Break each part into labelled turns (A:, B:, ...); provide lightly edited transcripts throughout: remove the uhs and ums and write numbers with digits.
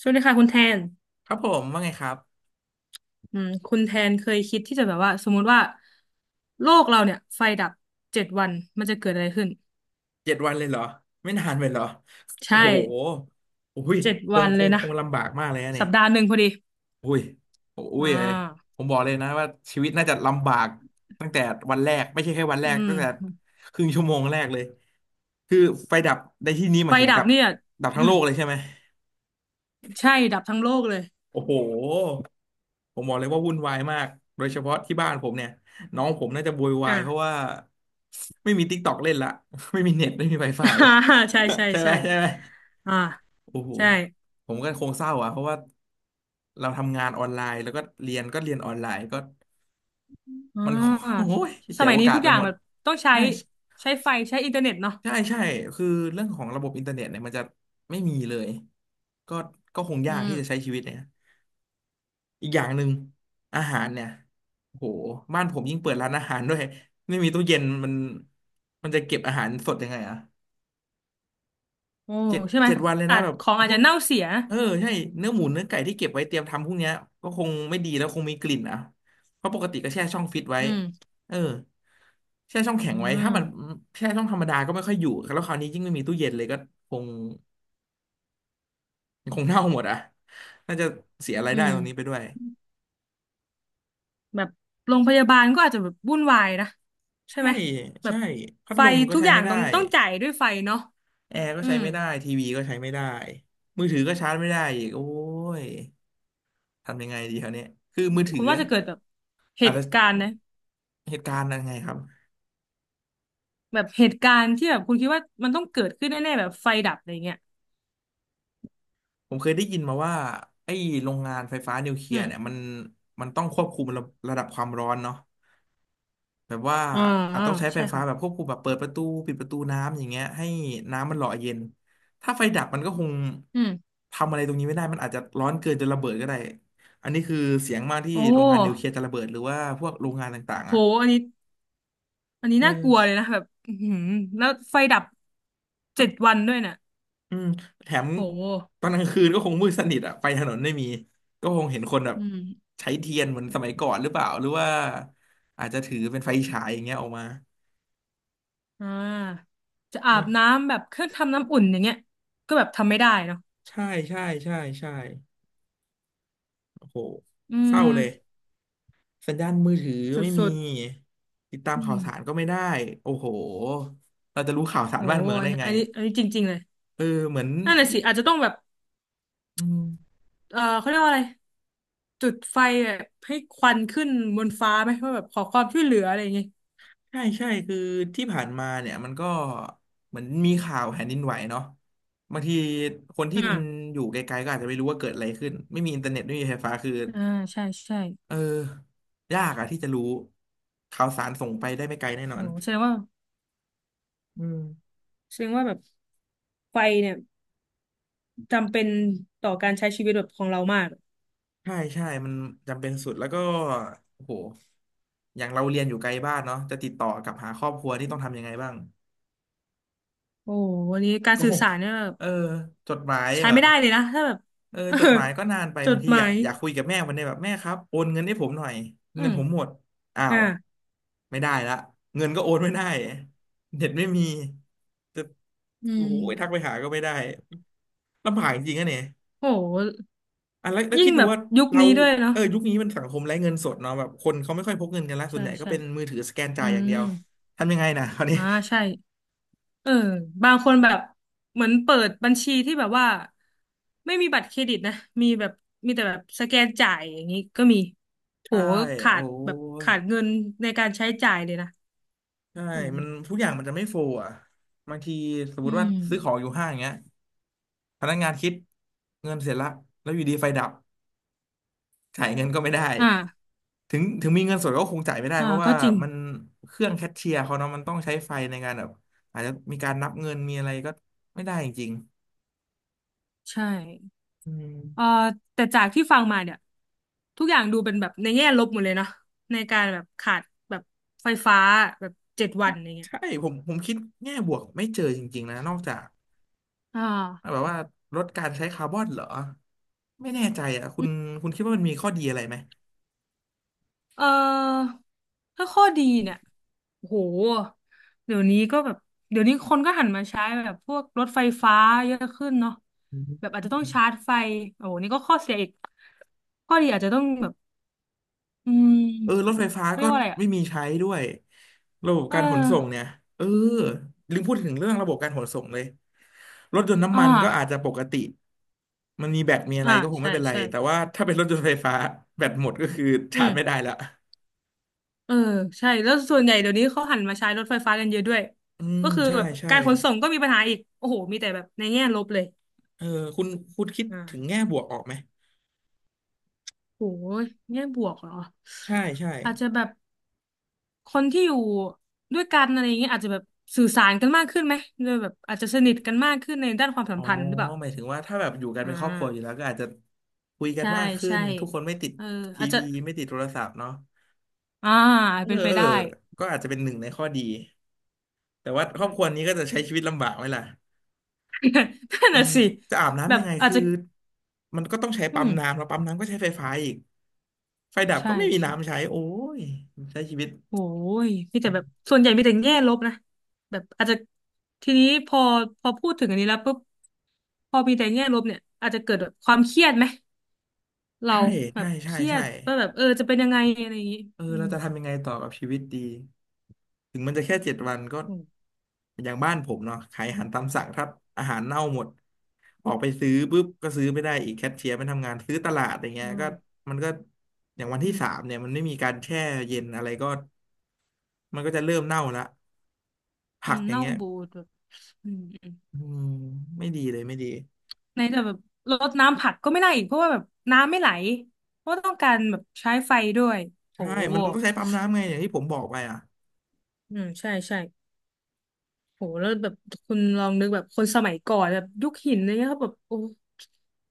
A: สวัสดีค่ะคุณแทน
B: ครับผมว่าไงครับ
A: อืมคุณแทนเคยคิดที่จะแบบว่าสมมุติว่าโลกเราเนี่ยไฟดับเจ็ดวันมันจะเกิดอะไรขึ้น
B: เจ็ดวันเลยเหรอไม่นานไปเหรอโอ้
A: ใช่
B: โหอุ้ย
A: เจ็ด
B: ค
A: วั
B: ง
A: น
B: ค
A: เล
B: ง
A: ย
B: ค
A: นะ
B: งลำบากมากเลยนะนี่
A: สัปดาห์หนึ่งพอดี
B: อุ้ยโอุ้
A: อ่
B: ยเอ้ย
A: า
B: ผมบอกเลยนะว่าชีวิตน่าจะลำบากตั้งแต่วันแรกไม่ใช่แค่วันแรก
A: อืม
B: ตั้งแต่ครึ่งชั่วโมงแรกเลยคือไฟดับในที่นี้ห
A: ไฟ
B: มายถึง
A: ดั
B: ดั
A: บ
B: บ
A: เนี่ย
B: ดับทั้ง
A: อื
B: โล
A: ม
B: กเลยใช่ไหม
A: ใช่ดับทั้งโลกเลย
B: โอ้โห ผมบอกเลยว่าวุ่นวายมากโดยเฉพาะที่บ้านผมเนี่ยน้องผมน่าจะโวยวา
A: อ่า
B: ยเพราะว่าไม่มี TikTok เล่นละ ไม่มีเน็ตไม่มี Wi-Fi
A: ใช่ใช่
B: ใช่ไหม
A: ใช่
B: ใช่ไหม
A: อ่า
B: โอ้โห
A: ใช่
B: ผมก็คงเศร้าอ่ะเพราะว่าเราทำงานออนไลน์แล้วก็เรียนก็เรียนออนไลน์ก็
A: อ่
B: มัน โคโอ้
A: า
B: ย
A: ส
B: เจ๋ว
A: มัย
B: โอ
A: นี้
B: กาส
A: ทุก
B: ไป
A: อย่าง
B: หมด
A: แบบต้องใช้
B: ใช่
A: ใช้ไฟใช้อินเทอร์เน็ตเนาะ
B: ใช่ใช่คือเรื่องของระบบอินเทอร์เน็ตเนี่ยมันจะไม่มีเลยก็ก็คง
A: อื
B: ยาก
A: ม
B: ที่จะใช้ชีวิตเนี่ย อีกอย่างหนึ่งอาหารเนี่ยโอ้โหบ้านผมยิ่งเปิดร้านอาหารด้วยไม่มีตู้เย็นมันมันจะเก็บอาหารสดยังไงอะ
A: โอ้
B: เจ็ด
A: ใช่ไหม
B: เจ็ดวันเลย
A: อา
B: นะ
A: จ
B: แบบ
A: ของอา
B: พ
A: จ
B: วก
A: จะเน่าเสีย
B: เออใช่เนื้อหมูเนื้อไก่ที่เก็บไว้เตรียมทำพวกเนี้ยก็คงไม่ดีแล้วคงมีกลิ่นอ่ะเพราะปกติก็แช่ช่องฟิตไว้
A: อืม
B: เออแช่ช่องแข็
A: อื
B: งไว้ถ้ามัน
A: ม
B: แช่ช่องธรรมดาก็ไม่ค่อยอยู่แล้วคราวนี้ยิ่งไม่มีตู้เย็นเลยก็คงคงเน่าหมดอ่ะน่าจะเสียราย
A: อื
B: ได้
A: ม
B: ตรงนี้ไปด้วย
A: แบบโรงพยาบาลก็อาจจะแบบวุ่นวายนะใช่
B: ใช่
A: ไหมแบ
B: ใช่
A: บ
B: พัด
A: ไฟ
B: ลมก็
A: ทุก
B: ใช้
A: อย่า
B: ไม่
A: ง
B: ได้
A: ต้องจ่ายด้วยไฟเนาะ
B: แอร์ก็
A: อื
B: ใช้
A: ม
B: ไม่ได้ทีวีก็ใช้ไม่ได้มือถือก็ชาร์จไม่ได้อีกโอ้ยทำยังไงดีคราวเนี้ยคือมือถื
A: คุ
B: อ
A: ณว่าจะเกิดแบบเห
B: อาจ
A: ตุ
B: จะ
A: การณ์นะ
B: เหตุการณ์ยังไงครับ
A: แบบเหตุการณ์ที่แบบคุณคิดว่ามันต้องเกิดขึ้นแน่ๆแบบไฟดับอะไรเงี้ย
B: ผมเคยได้ยินมาว่าไอ้โรงงานไฟฟ้านิวเคลี
A: อื
B: ยร์
A: ม
B: เนี่ยมันมันต้องควบคุมระดับความร้อนเนาะ แบบว่า
A: อ่า
B: อาจ
A: อ่า
B: ต้องใช้ไฟ
A: ใช่
B: ฟ้าแบบ
A: ค่ะ
B: ควบคุมแบบเปิดประตูปิดประตูน้ำอย่างเงี้ยให้น้ำมันหล่อเย็นถ้าไฟดับมันก็คง
A: อืม
B: ทำอะไรตรงนี้ไม่ได้มันอาจจะร้อนเกินจนระเบิดก็ได้อันนี้คือเสียงมากที่
A: โอ้
B: โรงงานนิวเคลียร์จะระเบิดหรือว่าพวกโรงงานต่างๆ
A: โห
B: อ่ะ
A: อันนี้อันนี้
B: เอื
A: น่ากลัวเลยนะแบบอือหือแล้วไฟดับเจ็ดวันด้วยเนี่ย
B: อืมแถม
A: โห
B: ตอนกลางคืนก็คงมืดสนิทอ่ะไฟถนนไม่มีก็คงเห็นคนแบบ
A: อืม
B: ใช้เทียนเหมือนสมัยก่อนหรือเปล่าหรือว่าอาจจะถือเป็นไฟฉายอย่างเงี้ยออกมา
A: อ่าจะอา
B: อื
A: บ
B: ม
A: น้ำแบบเครื่องทำน้ำอุ่นอย่างเงี้ยก็แบบทำไม่ได้เนาะ
B: ใช่ใช่ใช่ใช่โอ้โห
A: อื
B: เศร้าเลย
A: ม
B: สัญญาณมือถือ
A: ส
B: ไม่
A: ุ
B: มี
A: ด
B: ติดตา
A: ๆ
B: ม
A: อื
B: ข่า
A: ม
B: วสารก็ไม่ได้โอ้โหเราจะรู้ข่าวสาร
A: โห
B: บ้านเมืองได้ไง
A: อันนี้อันนี้จริงๆเลย
B: เออเหมือน
A: นั่นแหละ
B: ที่
A: สิอาจจะต้องแบบ
B: อืม
A: เออเขาเรียกว่าอะไรจุดไฟแบบให้ควันขึ้นบนฟ้าไหมว่าแบบขอความช่วยเหลืออะไรอย่างเงี้ย
B: ใช่ใช่คือที่ผ่านมาเนี่ยมันก็เหมือนมีข่าวแผ่นดินไหวเนาะบางทีคนที่มัน
A: อ่า
B: อยู่ไกลๆก็อาจจะไม่รู้ว่าเกิดอะไรขึ้นไม่มีอินเทอร์เน็ตไม่มีไฟฟ้าคือ
A: อ่าใช่ใช่
B: เออยากอะที่จะรู้ข่าวสารส่งไปได้ไม่ไกลแน่นอ
A: โห
B: น
A: แสดงว่า
B: อืม
A: แสดงว่าแบบไฟเนี่ยจำเป็นต่อการใช้ชีวิตแบบของเรามาก
B: ใช่ใช่มันจำเป็นสุดแล้วก็โอ้โหอย่างเราเรียนอยู่ไกลบ้านเนาะจะติดต่อกลับหาครอบครัวนี่ต้องทำยังไงบ้าง
A: โอ้โหวันนี้กา ร
B: ก็
A: สื่
B: ค
A: อ
B: ง
A: สารเนี่ยแบบ
B: เออจดหมาย
A: ใช้
B: เหรอ
A: ไม่ได้เลยนะถ้าแบบ
B: เออ
A: เออ
B: จดหมายก็นานไป
A: จ
B: บา
A: ด
B: งที
A: ห
B: อ
A: มา
B: ยาก
A: ย
B: อยากคุยกับแม่วันนี้แบบแม่ครับโอนเงินให้ผมหน่อย
A: อื
B: เงิน
A: ม
B: ผมหมดอ้า
A: อ่า
B: วไม่ได้ละเงินก็โอนไม่ได้เน็ตไม่มีจะ
A: อื
B: โอ้
A: ม
B: โหทักไปหาก็ไม่ได้ลำบากจริงๆอะเนี่ย
A: โห
B: อ่ะแล้ว
A: ยิ่ง
B: คิดดู
A: แบบ
B: ว่า
A: ยุค
B: เรา
A: นี้ด้วยเนาะ
B: เออยุคนี้มันสังคมไร้เงินสดเนาะแบบคนเขาไม่ค่อยพกเงินกันละส่ว
A: ใช่
B: นใหญ่ก็
A: ใช่
B: เป็นมือถือสแกน
A: อื
B: จ่ายอย่างเดี
A: ม
B: ยวทำยังไงนะ คราวนี้
A: อ่าใช่เออบางคนแบบเหมือนเปิดบัญชีที่แบบว่าไม่มีบัตรเครดิตนะ มีแบบมีแต่แบบสแกนจ่ายอย่างนี้ก็มีโห
B: ใช่
A: ขา
B: โอ้
A: ดแบบ
B: ย
A: ขาดเงินในการใช้จ่ายเลยนะ
B: ใช่
A: แบบ
B: มัน
A: นี้
B: ทุกอย่างมันจะไม่โฟลอ่ะบางทีสมม
A: อื
B: ติว่า
A: ม
B: ซื้อของอยู่ห้างอย่างเงี้ยพนักงานคิดเงินเสร็จละแล้วอยู่ดีไฟดับจ่ายเงินก็ไม่ได้
A: อ่า
B: ถึงมีเงินสดก็คงจ่ายไม่ได้เพราะ
A: ก็
B: ว่า
A: จริง
B: มันเครื่องแคชเชียร์เขาเนาะมันต้องใช้ไฟในการแบบอาจจะมีการนับเงินมีอะไรก็ไม่ได้จริง
A: ใช่
B: ๆอืม
A: เออแต่จากที่ฟังมาเนี่ยทุกอย่างดูเป็นแบบในแง่ลบหมดเลยเนาะในการแบบขาดแบบไฟฟ้าแบบเจ็ดวันอย่างเงี้ย
B: ใช่ผมคิดแง่บวกไม่เจอจริงๆนะนอกจาก
A: อ่า
B: แบบว่าลดการใช้คาร์บอนเหรอไม่แน่ใจอ่ะคุณคุณคิดว่ามันมีข้อดีอะไรไหม
A: เอ่อถ้าข้อดีเนี่ยโอ้โหเดี๋ยวนี้ก็แบบเดี๋ยวนี้คนก็หันมาใช้แบบพวกรถไฟฟ้าเยอะขึ้นเนาะ
B: อื
A: แบ
B: ม
A: บอาจจะต้องชาร์จไฟโอ้โหนี่ก็ข้อเสียอีกข้อดีอาจจะต้องแบบอืม
B: เออรถไฟฟ้า
A: เขาเรี
B: ก็
A: ยกว่าอะไรอ่ะ
B: ไม่มีใช้ด้วยระบบ
A: เอ
B: การขนส่งเนี่
A: อ
B: ยเออลืมพูดถึงเรื่องระบบการขนส่งเลยรถยนต์น้ำ
A: อ่
B: มันก็อาจ
A: า
B: จะปกติมันมีแบตมีอะไร
A: อ่า
B: ก็คง
A: ใช่
B: ไม่เป็นไร
A: ใช่
B: แต่ว่าถ้าเป็นรถยนต์ไฟฟ้าแบตหมดก็คือ
A: อื
B: ชาร์จ
A: ม
B: ไม่ได้ละ
A: เออใช่แล้วส่วนใหญ่เดี๋ยวนี้เขาหันมาใช้รถไฟฟ้ากันเยอะด้วย
B: อืม
A: ก็คือ
B: ใช่
A: แบบ
B: ใช่
A: การขนส่งก็มีปัญหาอีกโอ้โหมีแต่แบบในแง่ลบเลย
B: เออคุณคุณคิดถึง
A: อ่า
B: แง่บวกออกไหม
A: โหแง่บวกเหรอ
B: ใช่ใช่
A: อาจจะแบบคนที่อยู่ด้วยกันอะไรอย่างเงี้ยอาจจะแบบสื่อสารกันมากขึ้นไหมโดยแบบอาจจะสนิทกันมากขึ้นในด้านความสั
B: อ๋
A: ม
B: อ
A: พันธ์หรือเปล่า
B: หมายถึงว่าถ้าแบบอยู่กัน
A: อ่
B: เป็นครอบครัวอยู่แล้ว
A: า
B: ก็อาจจะคุยกัน
A: ใช่
B: มากขึ้
A: ใช่
B: นทุกคนไม่ติด
A: เออ
B: ที
A: อาจจะ
B: วีไม่ติดโทรศัพท์เนาะ
A: อ่า
B: เออ
A: เป็นไป
B: เออ
A: ได้
B: ก็อาจจะเป็นหนึ่งในข้อดีแต่ว่าคร
A: อื
B: อบ
A: ม
B: ครัวนี้ก็จะใช้ชีวิตลำบากไหมล่ะ
A: นั่น
B: เออ
A: น่ะสิ
B: จะอาบ
A: แบ
B: น้ำยั
A: บ
B: งไง
A: อาจ
B: คือ
A: จะ
B: มันก็ต้องใช้
A: อื
B: ปั๊ม
A: ม
B: น้ำแล้วปั๊มน้ำก็ใช้ไฟฟ้าอีกไฟดับ
A: ใช่
B: ก็ไม่มี
A: ใช่
B: น้ำใช้โอ้ยใช้ชีวิต
A: โอ้ยมีแต่แบบส่วนใหญ่มีแต่แง่ลบนะแบบอาจจะทีนี้พอพอพูดถึงอันนี้แล้วปุ๊บพอมีแต่แง่ลบเนี่ยอาจจะเกิดแบบความเครียดไหมเรา
B: ใช่
A: แบ
B: ใช่
A: บเค
B: ใช่
A: รีย
B: ใช่
A: ดว่าแบบเออจะเป็นยังไงอะไรอย่างนี้
B: เออ
A: อื
B: เรา
A: ม
B: จะทำยังไงต่อกับชีวิตดีถึงมันจะแค่เจ็ดวันก็
A: อืม
B: อย่างบ้านผมเนาะขายอาหารตามสั่งถ้าอาหารเน่าหมดออกไปซื้อปุ๊บก็ซื้อไม่ได้อีกแคชเชียร์ไม่ทำงานซื้อตลาดอย่างเงี้
A: อื
B: ยก็
A: ม
B: มันก็อย่างวัน
A: อื
B: ที่
A: ม
B: สามเนี่ยมันไม่มีการแช่เย็นอะไรก็มันก็จะเริ่มเน่าละ
A: อื
B: ผัก
A: ม
B: อย่าง
A: เน่า
B: เงี้ย
A: บูดแบบอืมอืม
B: อืมไม่ดีเลยไม่ดี
A: ในแต่แบบรดน้ำผักก็ไม่ได้อีกเพราะว่าแบบน้ำไม่ไหลเพราะว่าต้องการแบบใช้ไฟด้วยโห
B: ใช่มันต้องใช้ปั๊มน้ำไงอย่างที่ผมบอกไปอ่ะ
A: อืมใช่ใช่ โหแล้วแบบคุณลองนึกแบบคนสมัยก่อนแบบยุคหินอะไรเงี้ยเขาแบบโอ้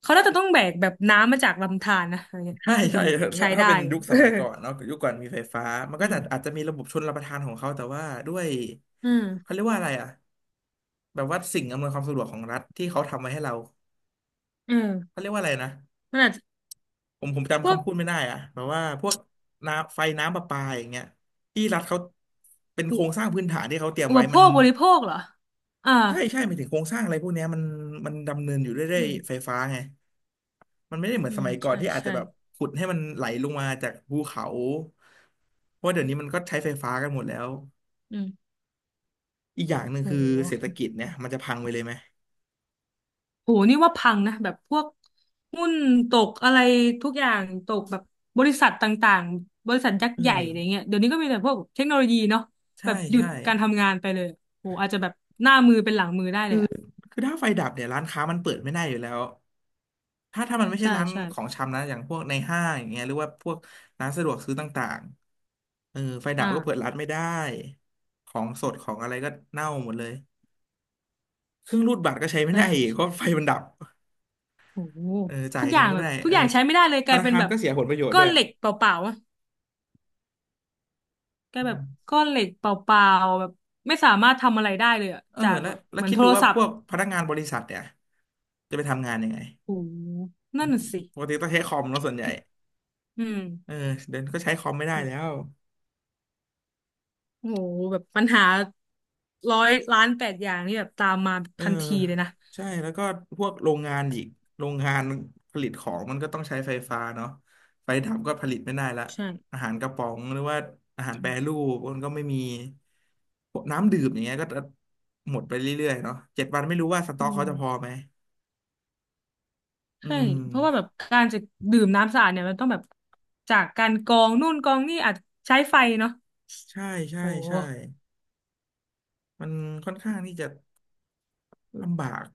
A: เขาน่าจะต้องแบกแบบน้ำมาจากลำธารนะอะไรเงี้ย
B: ใช่
A: ถ้าถึ
B: ใช่
A: งแบบ
B: ถ้า
A: ใช้
B: ถ้า
A: ได้
B: เป็นยุคส
A: เออ
B: มัยก่อนเนาะยุคก่อนมีไฟฟ้ามัน
A: อื
B: ก็จะ
A: ม
B: อาจจะมีระบบชลประทานของเขาแต่ว่าด้วย
A: อืม
B: เขาเรียกว่าอะไรอ่ะแบบว่าสิ่งอำนวยความสะดวกของรัฐที่เขาทำมาให้เรา
A: เออ
B: เขาเรียกว่าอะไรนะ
A: มันอาจจะ
B: ผม
A: พว
B: จำ
A: ก
B: คำพูดไม่ได้อ่ะแบบว่าพวกน้ำไฟน้ำประปาอย่างเงี้ยที่รัฐเขาเป็น
A: อุ
B: โครงสร้างพื้นฐานที่เขาเตรียม
A: อุป
B: ไว้
A: โภ
B: มัน
A: คบริโภคเหรอ อ่า
B: ใช่ใช่หมายถึงโครงสร้างอะไรพวกเนี้ยมันมันดำเนินอยู่ด้วยด้ว
A: อื
B: ย
A: ม
B: ไฟฟ้าไง มันไม่ได้เหมือ
A: อื
B: นส
A: ม
B: มัยก่อน
A: ใช่
B: ที่อาจจะ
A: ใช่
B: แบบขุดให้มันไหลลงมาจากภูเขาเพราะเดี๋ยวนี้มันก็ใช้ไฟฟ้ากันหมดแล้ว
A: อืม
B: อีกอย่างหนึ่งคือ
A: โห
B: เศรษฐกิจเนี่ยมันจะพังไปเลยไหม
A: โหนี่ว่าพังนะแบบพวกหุ้นตกอะไรทุกอย่างตกแบบบริษัทต่างๆบริษัทยักษ์
B: เออ
A: ใหญ่อะไรเงี้ยเดี๋ยวนี้ก็มีแต่พวกเทคโนโลยีเนาะแบ
B: ใช่
A: บหยุด
B: ใช่
A: การทำงานไปเลยโหอาจจะแบบหน้ามือเป็นหลังมือได้เลยอ่ะ
B: คือถ้าไฟดับเนี่ยร้านค้ามันเปิดไม่ได้อยู่แล้ว ถ้ามันไม่ใช่
A: ใช่
B: ร้าน
A: ใช่
B: ของชำนะอย่างพวกในห้างอย่างเงี้ยหรือว่าพวกร้านสะดวกซื้อต่างๆเออไฟดับ
A: อ่า
B: ก็เปิดร้านไม่ได้ของสดของอะไรก็เน่าหมดเลยเครื่องรูดบัตรก็ใช้ไม่
A: ใช่
B: ได้อีกเพราะไฟมันดับ
A: โห
B: เออจ่า
A: ทุ
B: ย
A: กอ
B: เงิ
A: ย่า
B: น
A: ง
B: ก็
A: แบ
B: ไม่
A: บ
B: ได้
A: ทุก
B: เออ
A: อย่างใช้ไม่ได้เลยก
B: ธ
A: ลาย
B: นา
A: เป็น
B: คาร
A: แบบ
B: ก็เสียผลประโยชน์
A: ก้อ
B: ด้ว
A: น
B: ย
A: เหล็กเปล่าๆอะกลาย
B: อื
A: แบบ
B: ม
A: ก้อนเหล็กเปล่าๆแบบไม่สามารถทำอะไรได้เลยอะ
B: เออ
A: จาก
B: แล้ว
A: แบบ
B: แล้ว
A: เหมือน
B: คิด
A: โท
B: ดู
A: ร
B: ว่า
A: ศั
B: พ
A: พท์
B: วกพนักงานบริษัทเนี่ยจะไปทำงานยังไง
A: โหนั่นน่ะสิ
B: ปกติต้องใช้คอมเนาะส่วนใหญ่
A: อืม
B: เออเดี๋ยวนี้ก็ใช้คอมไม่ได้
A: โห
B: แล้ว
A: โหแบบปัญหาร้อยล้านแปดอย่างนี่แบบตามมา
B: เออ
A: ทันทีเลยนะ
B: ใช่แล้วก็พวกโรงงานอีกโรงงานผลิตของมันก็ต้องใช้ไฟฟ้าเนาะไฟดับก็ผลิตไม่ได้ละ
A: ใช่
B: อาหารกระป๋องหรือว่าอาหารแปรรูปมันก็ไม่มีพวกน้ำดื่มอย่างเงี้ยก็จะหมดไปเรื่อยๆเนาะเจ็ดวันไม่รู้ว่าส
A: อื
B: ต็อกเขา
A: ม
B: จะพอไหมอื
A: ใช่
B: ม
A: เพราะว่าแบบการจะดื่มน้ำสะอาดเนี่ยมันต้องแบบจากการกรองนู่นกรองนี่อาจใช้ไฟเนาะ
B: ใช่ใช่
A: โอ
B: ใช่
A: ้
B: มันค่อนข้างที่จะลำบาก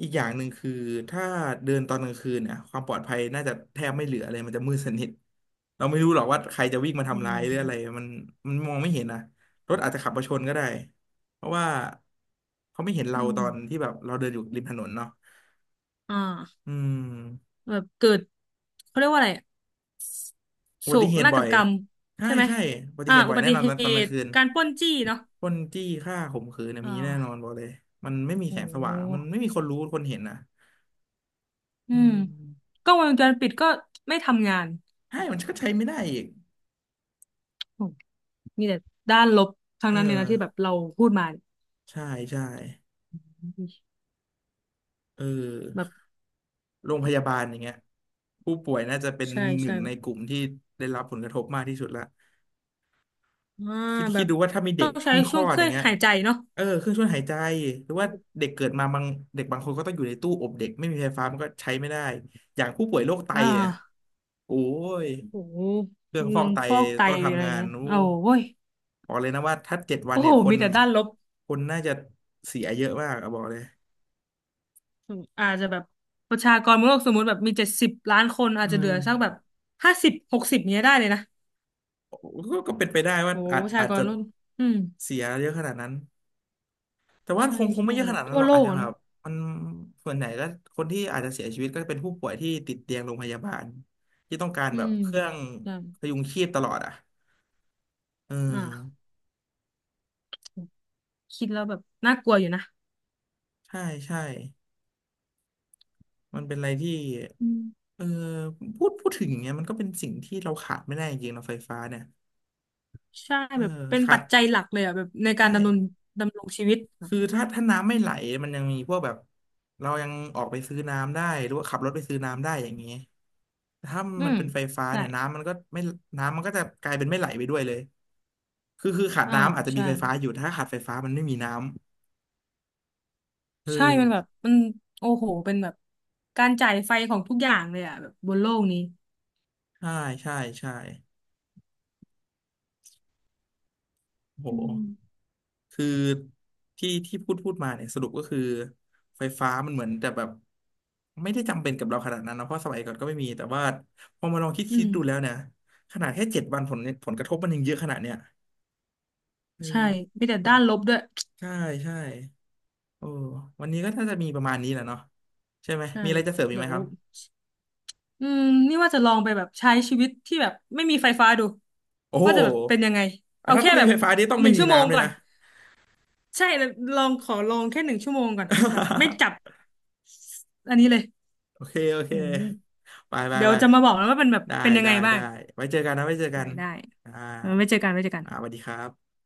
B: อีกอย่างหนึ่งคือถ้าเดินตอนกลางคืนเนี่ยความปลอดภัยน่าจะแทบไม่เหลือเลยมันจะมืดสนิท เราไม่รู้หรอกว่าใครจะวิ่งมา
A: อื
B: ทำร้ายหรืออะไร
A: ม
B: มันมันมองไม่เห็นนะรถอาจจะขับมาชนก็ได้ เพราะว่าเขาไม่เห็นเรา
A: อื
B: ต
A: ม
B: อนที่แบบเราเดินอยู่ริมถนนเนาะ
A: อ่า
B: อืม
A: แบบเกิดเขาเรียกว่าอะไรอะ
B: อุ
A: โศ
B: บัติ
A: ก
B: เหตุ
A: นา
B: บ่
A: ฏ
B: อย
A: กรรม
B: ใช่
A: ใช่ไหม
B: ใช่อุบัติเหตุบ่
A: อุ
B: อย
A: บั
B: แน่
A: ติ
B: นอน
A: เห
B: ตอนกลาง
A: ตุ
B: คืน
A: การปล้นจี้เนาะ
B: ค้นจี้ฆ่าข่มขืนนะ
A: อ่
B: มีแน่นอน
A: า
B: บอกเลยมันไม่มีแส
A: โอ้
B: งสว่างมันไม่มีคนรู้คนเห็นนะ
A: อื
B: อื
A: ม
B: ม
A: กล้องวงจรปิดก็ไม่ทำงาน
B: ให้มันก็ใช้ไม่ได้อีก
A: โอ้มีแต่ด้านลบทั้ง
B: เออ
A: นั้นเลยนะที่แบบเราพูดมาเนี่ย
B: ใช่ใช่เอ
A: แบบ
B: อโรงพยาบาลอย่างเงี้ยผู้ป่วยน่าจะเป็น
A: ใช่
B: หนึ่
A: ใช่
B: งในกลุ่มที่ได้รับผลกระทบมากที่สุดละ
A: อ่า
B: คิด
A: แบ
B: คิด
A: บ
B: ดูว่าถ้ามีเด็
A: ต้อ
B: ก
A: งใช้
B: เพิ่งคล
A: ช่ว
B: อ
A: งเค
B: ดอ
A: รื่อ
B: ย่าง
A: ง
B: เงี้ย
A: หายใจเนาะ
B: เออเครื่องช่วยหายใจหรือว่า
A: โอ
B: เด็กเกิดมาบางเด็กบางคนก็ต้องอยู่ในตู้อบเด็กไม่มีไฟฟ้ามันก็ใช้ไม่ได้อย่างผู้ป่วยโรคไต
A: อ่
B: เนี่ย
A: า
B: โอ้ย
A: โอ้โห
B: เครื่องฟอกไต
A: ฟอกไต
B: ต้อง
A: อะไร
B: ทำงาน
A: เงี้ย
B: นู้
A: โอ้โว้ย
B: บอกเลยนะว่าถ้าเจ็ดวัน
A: โอ้
B: เนี่
A: โห
B: ยค
A: มี
B: น
A: แต่ด้านลบ
B: คนน่าจะเสียเยอะมากอะบอกเลย
A: อาจจะแบบประชากรโลกสมมติแบบมี70 ล้านคนอา
B: อื
A: จจะเหลื
B: ม
A: อสักแบบห้าสิบหกสิบเนี้ยได้เลยนะ
B: กก็เป็นไปได้ว่า
A: โอ้โห
B: อาจ
A: ประชา
B: อาจ
A: กร
B: จะ
A: โลกอืม
B: เสียเยอะขนาดนั้นแต่ว่า
A: ใช่
B: คง
A: ใช่
B: ไม่เยอะ
A: แบ
B: ข
A: บ
B: นาดนั้
A: ทั่
B: น
A: ว
B: หรอก
A: โล
B: อาจ
A: ก
B: จะ
A: อะ
B: แบ
A: เนอะ
B: บมันส่วนใหญ่ก็คนที่อาจจะเสียชีวิตก็เป็นผู้ป่วยที่ติดเตียงโรงพยาบาลที่ต้องการ
A: อื
B: แบบ
A: ม
B: เครื่อง
A: ใช่
B: พยุงชีพตลอดอ่ะเออ
A: อ่าคิดแล้วแบบน่ากลัวอยู่นะ
B: ใช่ใช่มันเป็นอะไรที่
A: อืม
B: เออพูดถึงอย่างเงี้ยมันก็เป็นสิ่งที่เราขาดไม่ได้จริงๆเราไฟฟ้าเนี่ย
A: ใช่
B: เออ
A: แบบเป็น
B: ขา
A: ปั
B: ด
A: จจัยหลักเลยอ่ะแบบใน
B: ไ
A: การดำรง
B: ด้
A: ดำรงชีวิตอะ
B: คือถ้าน้ำไม่ไหลมันยังมีพวกแบบเรายังออกไปซื้อน้ำได้หรือว่าขับรถไปซื้อน้ำได้อย่างนี้แต่ถ้า
A: อื
B: มัน
A: ม
B: เป็นไฟฟ้า
A: ใช่
B: เนี่ยน้ำมันก็ไม่น้ำมันก็จะกลายเป็นไม่ไหลไปด้วยเลยคือขาด
A: อ่า
B: น้ำอาจจะมี
A: ใช่
B: ไฟฟ้าอยู่ถ้าขาดไฟฟ้ามันไม่มีน้ำเออ
A: ใช่มันแบบมันโอ้โหเป็นแบบการจ่ายไฟของทุกอย่างเลยอ่ะแบบบนโลกนี้
B: ใช่ใช่ใช่โห
A: อืม
B: คือที่พูดมาเนี่ยสรุปก็คือไฟฟ้ามันเหมือนแต่แบบไม่ได้จำเป็นกับเราขนาดนั้นนะเพราะสมัยก่อนก็ไม่มีแต่ว่าพอมาลองคิด
A: อื
B: คิดดูแล้ว
A: ม
B: เนี่ยขนาดแค่เจ็ดวันผลกระทบมันยังเยอะขนาดเนี้ย เอ
A: ใช่
B: อ
A: มีแต่ด้านลบด้วย
B: ใช่ใช่โอ้วันนี้ก็น่าจะมีประมาณนี้แหละเนาะใช่ไหม
A: ใช่
B: มีอะไรจะเสริมอีก
A: เดี๋
B: ไหม
A: ยว
B: ครับ
A: อืมนี่ว่าจะลองไปแบบใช้ชีวิตที่แบบไม่มีไฟฟ้าดู
B: โอ้โห
A: ว่าจะแบบเป็นยังไง
B: อ่ะ
A: เอา
B: ถ้า
A: แค่
B: ถ้ามี
A: แบบ
B: ไฟฟ้านี่ต้อง
A: ห
B: ไม่
A: นึ่ง
B: มี
A: ชั่วโมง
B: น้ำเลย
A: ก่อน
B: นะ
A: ใช่แล้วลองขอลองแค่หนึ่งชั่วโมงก่อนแบบไม่จับ อันนี้เลย
B: โอเคโอเค
A: อืม
B: ไปไป
A: เดี๋ยว
B: ไป
A: จะมาบอกแล้วว่ามันแบบ
B: ได้
A: เป็นยัง
B: ได้
A: ไงบ้าง
B: ได้ไว้เจอกันนะไว้เจอกั
A: ได้
B: น
A: ได้
B: อ่า
A: ไว้เจอกันไว้เจอกัน
B: อ่าสวัสดีครับ